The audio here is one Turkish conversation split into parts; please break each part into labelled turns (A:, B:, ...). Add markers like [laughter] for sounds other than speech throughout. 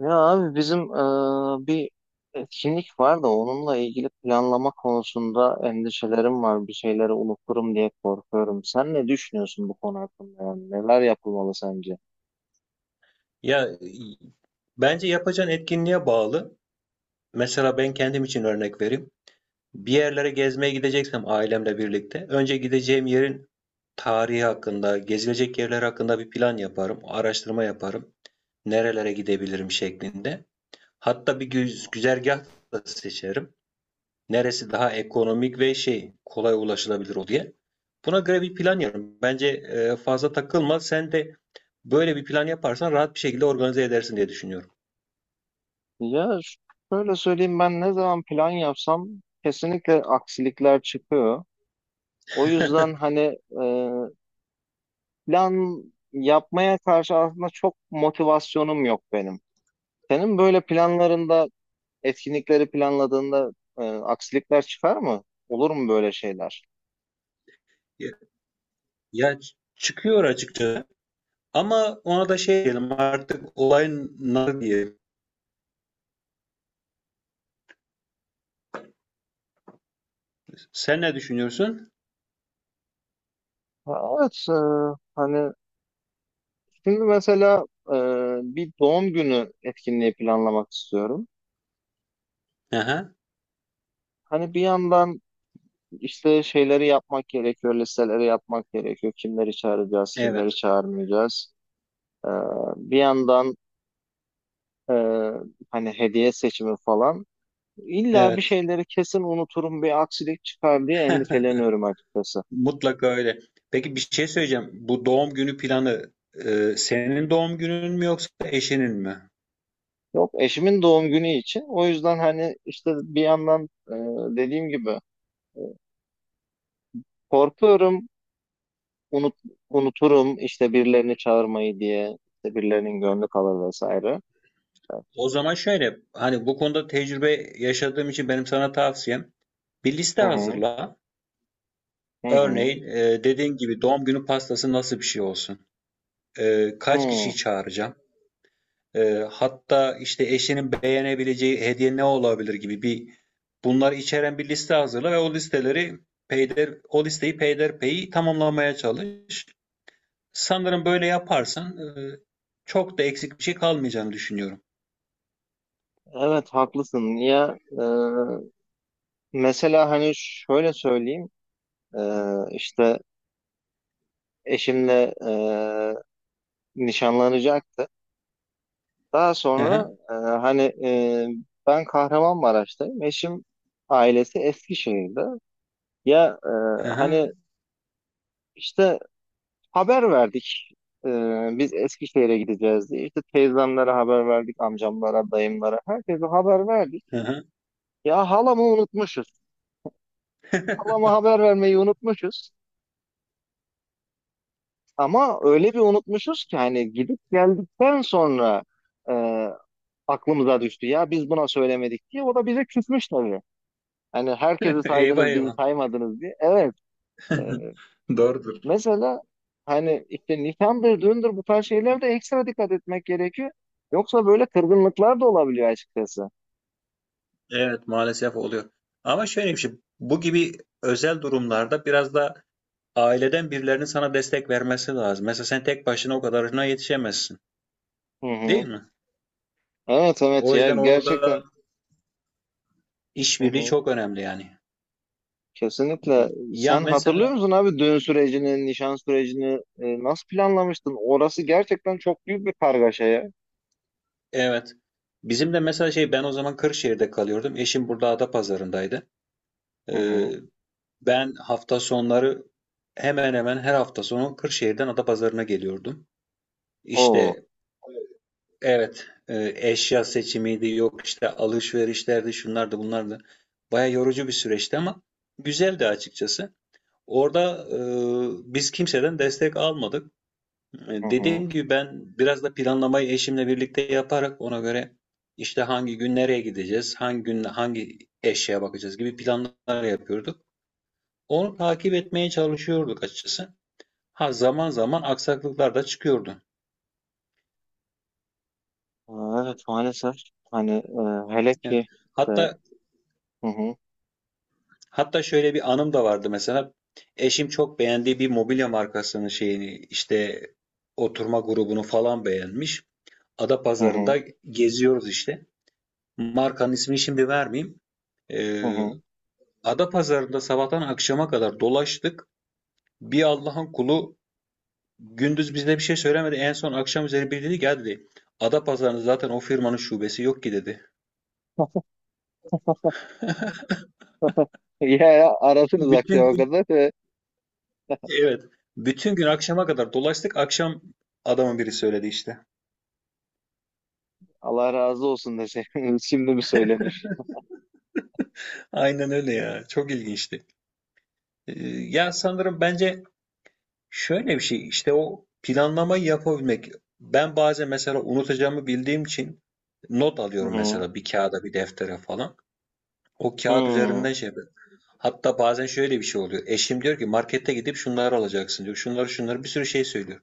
A: Ya abi bizim bir etkinlik var da onunla ilgili planlama konusunda endişelerim var. Bir şeyleri unuturum diye korkuyorum. Sen ne düşünüyorsun bu konu hakkında? Yani neler yapılmalı sence?
B: Ya bence yapacağın etkinliğe bağlı. Mesela ben kendim için örnek vereyim. Bir yerlere gezmeye gideceksem ailemle birlikte önce gideceğim yerin tarihi hakkında, gezilecek yerler hakkında bir plan yaparım, araştırma yaparım. Nerelere gidebilirim şeklinde. Hatta bir güzergah da seçerim. Neresi daha ekonomik ve şey kolay ulaşılabilir o diye. Buna göre bir plan yaparım. Bence fazla takılma. Sen de böyle bir plan yaparsan rahat bir şekilde organize edersin diye düşünüyorum.
A: Ya ş- şöyle söyleyeyim, ben ne zaman plan yapsam kesinlikle aksilikler çıkıyor. O yüzden
B: [laughs]
A: hani plan yapmaya karşı aslında çok motivasyonum yok benim. Senin böyle planlarında, etkinlikleri planladığında aksilikler çıkar mı? Olur mu böyle şeyler?
B: Ya çıkıyor açıkçası ama ona da şey diyelim artık olayın nar diyelim. Sen ne düşünüyorsun?
A: Ha, evet, hani şimdi mesela bir doğum günü etkinliği planlamak istiyorum.
B: Aha,
A: Hani bir yandan işte şeyleri yapmak gerekiyor, listeleri yapmak gerekiyor. Kimleri çağıracağız,
B: evet,
A: kimleri çağırmayacağız. E, bir yandan e, hani hediye seçimi falan. İlla bir
B: evet.
A: şeyleri kesin unuturum, bir aksilik çıkar diye
B: [laughs]
A: endişeleniyorum açıkçası.
B: Mutlaka öyle. Peki bir şey söyleyeceğim. Bu doğum günü planı senin doğum günün mü yoksa eşinin mi?
A: Yok, eşimin doğum günü için. O yüzden hani işte bir yandan, dediğim gibi, e, korkuyorum unut, unuturum işte birilerini çağırmayı diye, işte birilerinin gönlü kalır vesaire.
B: O zaman şöyle, hani bu konuda tecrübe yaşadığım için benim sana tavsiyem bir liste
A: Hı hı.
B: hazırla.
A: Hı hı.
B: Örneğin dediğin gibi doğum günü pastası nasıl bir şey olsun? Kaç
A: Hı.
B: kişiyi çağıracağım? Hatta işte eşinin beğenebileceği hediye ne olabilir gibi bir bunları içeren bir liste hazırla ve o listeleri o listeyi peyderpey tamamlamaya çalış. Sanırım böyle yaparsan çok da eksik bir şey kalmayacağını düşünüyorum.
A: Evet, haklısın. Ya, mesela hani şöyle söyleyeyim, e, işte eşimle nişanlanacaktı. Daha sonra,
B: Aha,
A: hani, ben Kahramanmaraş'tayım. Eşim ailesi Eskişehir'de. Ya,
B: aha,
A: hani işte haber verdik. E, biz Eskişehir'e gideceğiz diye. İşte teyzemlere haber verdik, amcamlara, dayımlara. Herkese haber verdik.
B: aha.
A: Ya halamı unutmuşuz. Halama haber vermeyi unutmuşuz. Ama öyle bir unutmuşuz ki hani gidip geldikten sonra e, aklımıza düştü. Ya biz buna söylemedik diye. O da bize küsmüş tabii. Hani herkesi
B: [laughs] Eyvah
A: saydınız, bizi
B: eyvah.
A: saymadınız diye. Evet. e,
B: [laughs] Doğrudur.
A: Mesela hani işte nişan, bir düğündür bu tarz şeylerde ekstra dikkat etmek gerekiyor. Yoksa böyle kırgınlıklar da olabiliyor açıkçası.
B: Evet maalesef oluyor. Ama şöyle bir şey, bu gibi özel durumlarda biraz da aileden birilerinin sana destek vermesi lazım. Mesela sen tek başına o kadarına yetişemezsin,
A: Hı
B: değil
A: hı.
B: mi?
A: Evet, evet,
B: O
A: ya
B: yüzden orada
A: gerçekten. Hı
B: işbirliği
A: hı.
B: çok önemli yani. Hı
A: Kesinlikle.
B: hı. Ya
A: Sen hatırlıyor
B: mesela
A: musun abi düğün sürecini, nişan sürecini nasıl planlamıştın? Orası gerçekten çok büyük bir kargaşa ya.
B: evet. Bizim de mesela şey ben o zaman Kırşehir'de kalıyordum. Eşim burada Adapazarı'ndaydı.
A: Hı
B: Ee,
A: hı.
B: Ben hafta sonları hemen hemen her hafta sonu Kırşehir'den Adapazarı'na geliyordum.
A: Oo.
B: İşte evet eşya seçimiydi yok işte alışverişlerdi şunlardı bunlardı. Baya yorucu bir süreçti ama güzeldi açıkçası. Orada biz kimseden destek almadık. E,
A: Hı hı.
B: dediğim gibi ben biraz da planlamayı eşimle birlikte yaparak ona göre işte hangi gün nereye gideceğiz, hangi gün hangi eşyaya bakacağız gibi planlar yapıyorduk. Onu takip etmeye çalışıyorduk açıkçası. Ha zaman zaman aksaklıklar da çıkıyordu.
A: Evet, maalesef. Hani hele
B: Evet.
A: ki e,
B: Hatta
A: hı hı.
B: hatta şöyle bir anım da vardı mesela. Eşim çok beğendiği bir mobilya markasının şeyini işte oturma grubunu falan beğenmiş.
A: Hı hı.
B: Adapazarı'nda geziyoruz işte. Markanın ismini şimdi vermeyeyim.
A: Hı
B: Ee,
A: hı. [laughs]
B: Adapazarı'nda sabahtan akşama kadar dolaştık. Bir Allah'ın kulu gündüz bize bir şey söylemedi. En son akşam üzeri biri dedi ki "Ya," dedi. Adapazarı'nda zaten o firmanın şubesi yok ki dedi.
A: Ya arasınız
B: Bütün
A: akşama
B: gün
A: kadar.
B: evet. Bütün gün akşama kadar dolaştık. Akşam adamın biri söyledi işte.
A: Allah razı olsun dese [laughs] şimdi mi söylenir?
B: Aynen öyle ya. Çok ilginçti. Ya sanırım bence şöyle bir şey işte o planlamayı yapabilmek. Ben bazen mesela unutacağımı bildiğim için not
A: Hı
B: alıyorum
A: hı.
B: mesela bir kağıda bir deftere falan. O kağıt
A: Hı
B: üzerinden şey. Hatta bazen şöyle bir şey oluyor. Eşim diyor ki markette gidip şunları alacaksın diyor. Şunları şunları bir sürü şey söylüyor.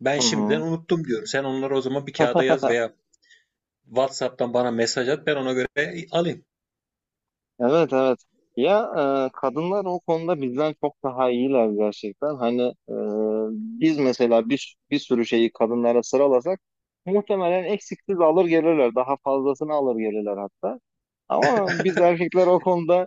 B: Ben
A: hı.
B: şimdiden
A: hı.
B: unuttum diyorum. Sen onları o zaman bir kağıda yaz
A: [laughs]
B: veya WhatsApp'tan bana mesaj at ben ona göre alayım.
A: Evet, evet. Ya, kadınlar o konuda bizden çok daha iyiler gerçekten. Hani e, biz mesela bir sürü şeyi kadınlara sıralasak muhtemelen eksiksiz alır gelirler. Daha fazlasını alır gelirler hatta. Ama biz
B: [laughs]
A: erkekler o konuda,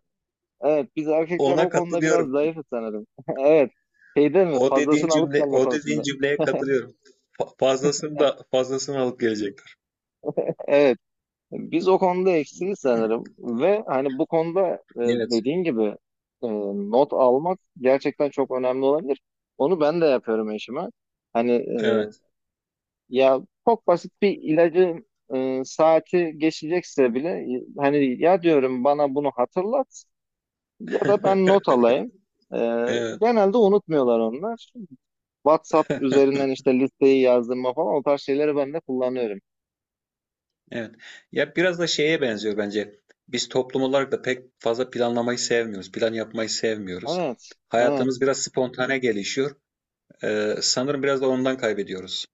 A: evet biz erkekler
B: Ona
A: o konuda biraz
B: katılıyorum.
A: zayıfız sanırım. [laughs] Evet. Şeyde mi? Fazlasını alıp gelme
B: O dediğin
A: konusunda.
B: cümleye katılıyorum. Fazlasını da fazlasını alıp gelecekler.
A: Evet. Biz o konuda eksiyiz sanırım ve hani bu konuda e,
B: Evet.
A: dediğin gibi, e, not almak gerçekten çok önemli olabilir. Onu ben de yapıyorum eşime. Hani
B: Evet.
A: ya çok basit bir ilacın saati geçecekse bile hani ya diyorum bana bunu hatırlat ya da ben not
B: [laughs]
A: alayım. E,
B: Evet.
A: genelde unutmuyorlar onlar. WhatsApp üzerinden işte listeyi yazdırma falan o tarz şeyleri ben de kullanıyorum.
B: Evet. Ya biraz da şeye benziyor bence. Biz toplum olarak da pek fazla planlamayı sevmiyoruz. Plan yapmayı sevmiyoruz.
A: Evet,
B: Hayatımız
A: evet.
B: biraz spontane gelişiyor. Sanırım biraz da ondan kaybediyoruz.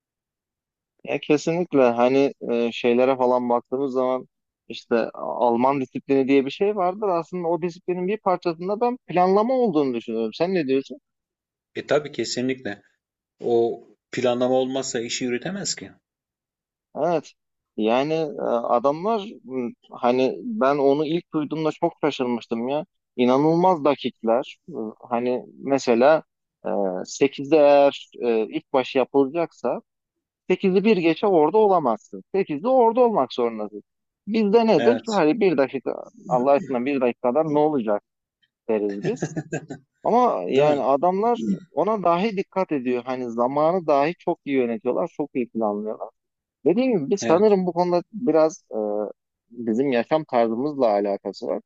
A: Ya kesinlikle hani şeylere falan baktığımız zaman işte Alman disiplini diye bir şey vardır. Aslında o disiplinin bir parçasında ben planlama olduğunu düşünüyorum. Sen ne diyorsun?
B: E tabii kesinlikle. O planlama olmazsa işi yürütemez ki.
A: Evet. Yani adamlar hani ben onu ilk duyduğumda çok şaşırmıştım ya. İnanılmaz dakikler. Hani mesela e, 8'de, eğer ilk başı yapılacaksa, 8'i bir geçe orada olamazsın. 8'de orada olmak zorundasın. Bizde nedir?
B: Evet.
A: Hani bir dakika, Allah aşkına bir dakikadan ne olacak deriz biz. Ama
B: Değil
A: yani
B: mi?
A: adamlar ona dahi dikkat ediyor. Hani zamanı dahi çok iyi yönetiyorlar, çok iyi planlıyorlar. Dediğim gibi biz
B: Evet.
A: sanırım bu konuda biraz bizim yaşam tarzımızla alakası var.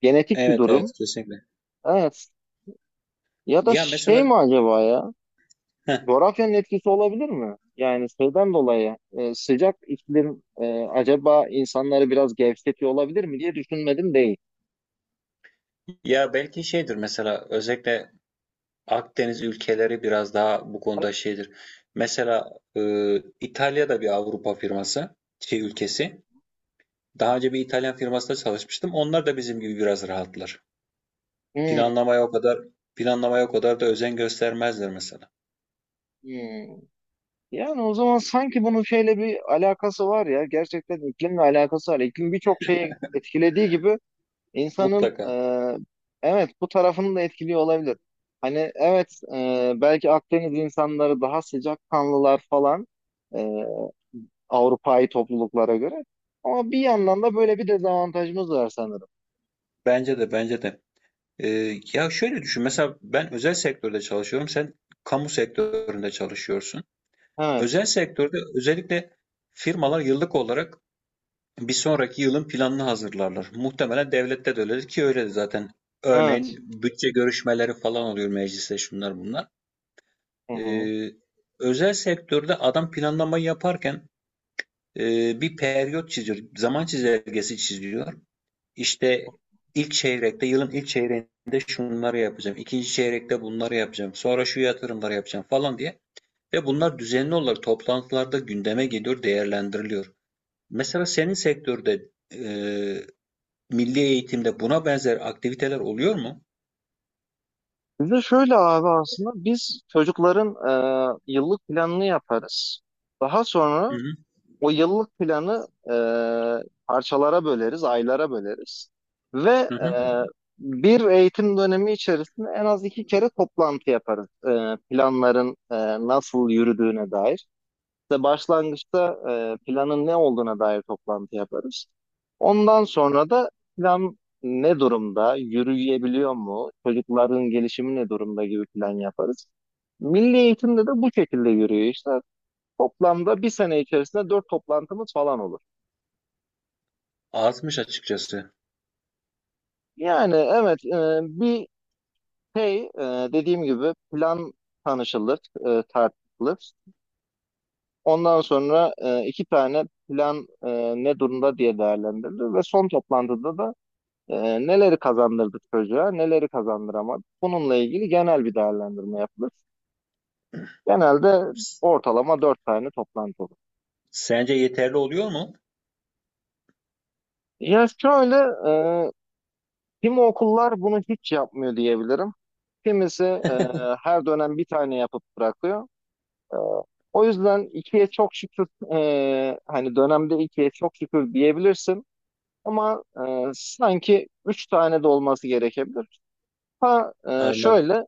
A: Genetik bir
B: Evet evet
A: durum.
B: kesinlikle.
A: Evet. Ya da
B: Ya
A: şey
B: mesela
A: mi acaba ya?
B: heh,
A: Coğrafyanın etkisi olabilir mi? Yani şeyden dolayı sıcak iklim acaba insanları biraz gevşetiyor olabilir mi diye düşünmedim değil.
B: ya belki şeydir mesela özellikle Akdeniz ülkeleri biraz daha bu konuda şeydir. Mesela İtalya'da bir Avrupa firması şey ülkesi. Daha önce bir İtalyan firmasında çalışmıştım. Onlar da bizim gibi biraz rahatlar.
A: Hmm,
B: Planlamaya o kadar Planlamaya o kadar da özen göstermezler mesela.
A: hmm. Yani o zaman sanki bunun şeyle bir alakası var ya. Gerçekten iklimle alakası var. İklim birçok şeyi etkilediği gibi insanın
B: Mutlaka.
A: evet bu tarafını da etkiliyor olabilir. Hani evet, belki Akdeniz insanları daha sıcakkanlılar falan. e, Avrupa'yı topluluklara göre. Ama bir yandan da böyle bir dezavantajımız var sanırım.
B: Bence de. Ya şöyle düşün. Mesela ben özel sektörde çalışıyorum. Sen kamu sektöründe çalışıyorsun.
A: Evet,
B: Özel sektörde özellikle firmalar yıllık olarak bir sonraki yılın planını hazırlarlar. Muhtemelen devlette de öyledir ki öyle de zaten. Örneğin
A: evet.
B: bütçe görüşmeleri falan oluyor mecliste şunlar bunlar.
A: Hı hı.
B: Ee, Özel sektörde adam planlamayı yaparken bir periyot çiziyor. Zaman çizelgesi çiziyor. İşte ilk çeyrekte, yılın ilk çeyreğinde şunları yapacağım, ikinci çeyrekte bunları yapacağım, sonra şu yatırımları yapacağım falan diye. Ve bunlar düzenli olarak toplantılarda gündeme geliyor, değerlendiriliyor. Mesela senin sektörde milli eğitimde buna benzer aktiviteler oluyor mu?
A: Bir de şöyle abi, aslında biz çocukların yıllık planını yaparız. Daha
B: Hı
A: sonra
B: hı,
A: o yıllık planı parçalara böleriz, aylara böleriz. Ve
B: hı
A: e,
B: hı.
A: bir eğitim dönemi içerisinde en az 2 kere toplantı yaparız. Planların nasıl yürüdüğüne dair. İşte başlangıçta planın ne olduğuna dair toplantı yaparız. Ondan sonra da plan ne durumda, yürüyebiliyor mu, çocukların gelişimi ne durumda gibi plan yaparız. Milli eğitimde de bu şekilde yürüyor işte. Toplamda bir sene içerisinde 4 toplantımız falan olur.
B: Azmış açıkçası.
A: Yani evet, şey e, dediğim gibi plan tanışılır, tartışılır. Ondan sonra iki tane plan ne durumda diye değerlendirilir ve son toplantıda da neleri kazandırdı çocuğa, neleri kazandıramadı? Bununla ilgili genel bir değerlendirme yapılır. Genelde
B: S-
A: ortalama 4 tane toplantı olur.
B: Sence yeterli oluyor mu?
A: Ya şöyle, e, kimi okullar bunu hiç yapmıyor diyebilirim. Kimisi her dönem bir tane yapıp bırakıyor. E, o yüzden ikiye çok şükür, hani dönemde ikiye çok şükür diyebilirsin. Ama sanki üç tane de olması gerekebilir. Ha,
B: Anladım,
A: şöyle,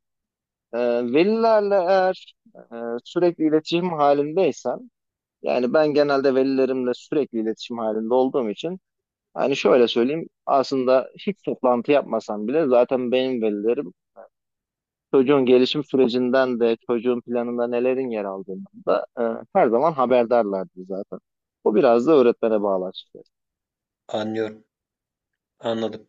A: Ee, velilerle eğer e, sürekli iletişim halindeysen, yani ben genelde velilerimle sürekli iletişim halinde olduğum için, hani şöyle söyleyeyim, aslında hiç toplantı yapmasam bile zaten benim velilerim çocuğun gelişim sürecinden de çocuğun planında nelerin yer aldığından da her zaman haberdarlardı zaten. Bu biraz da öğretmene bağlı açıkçası.
B: anlıyorum, anladım.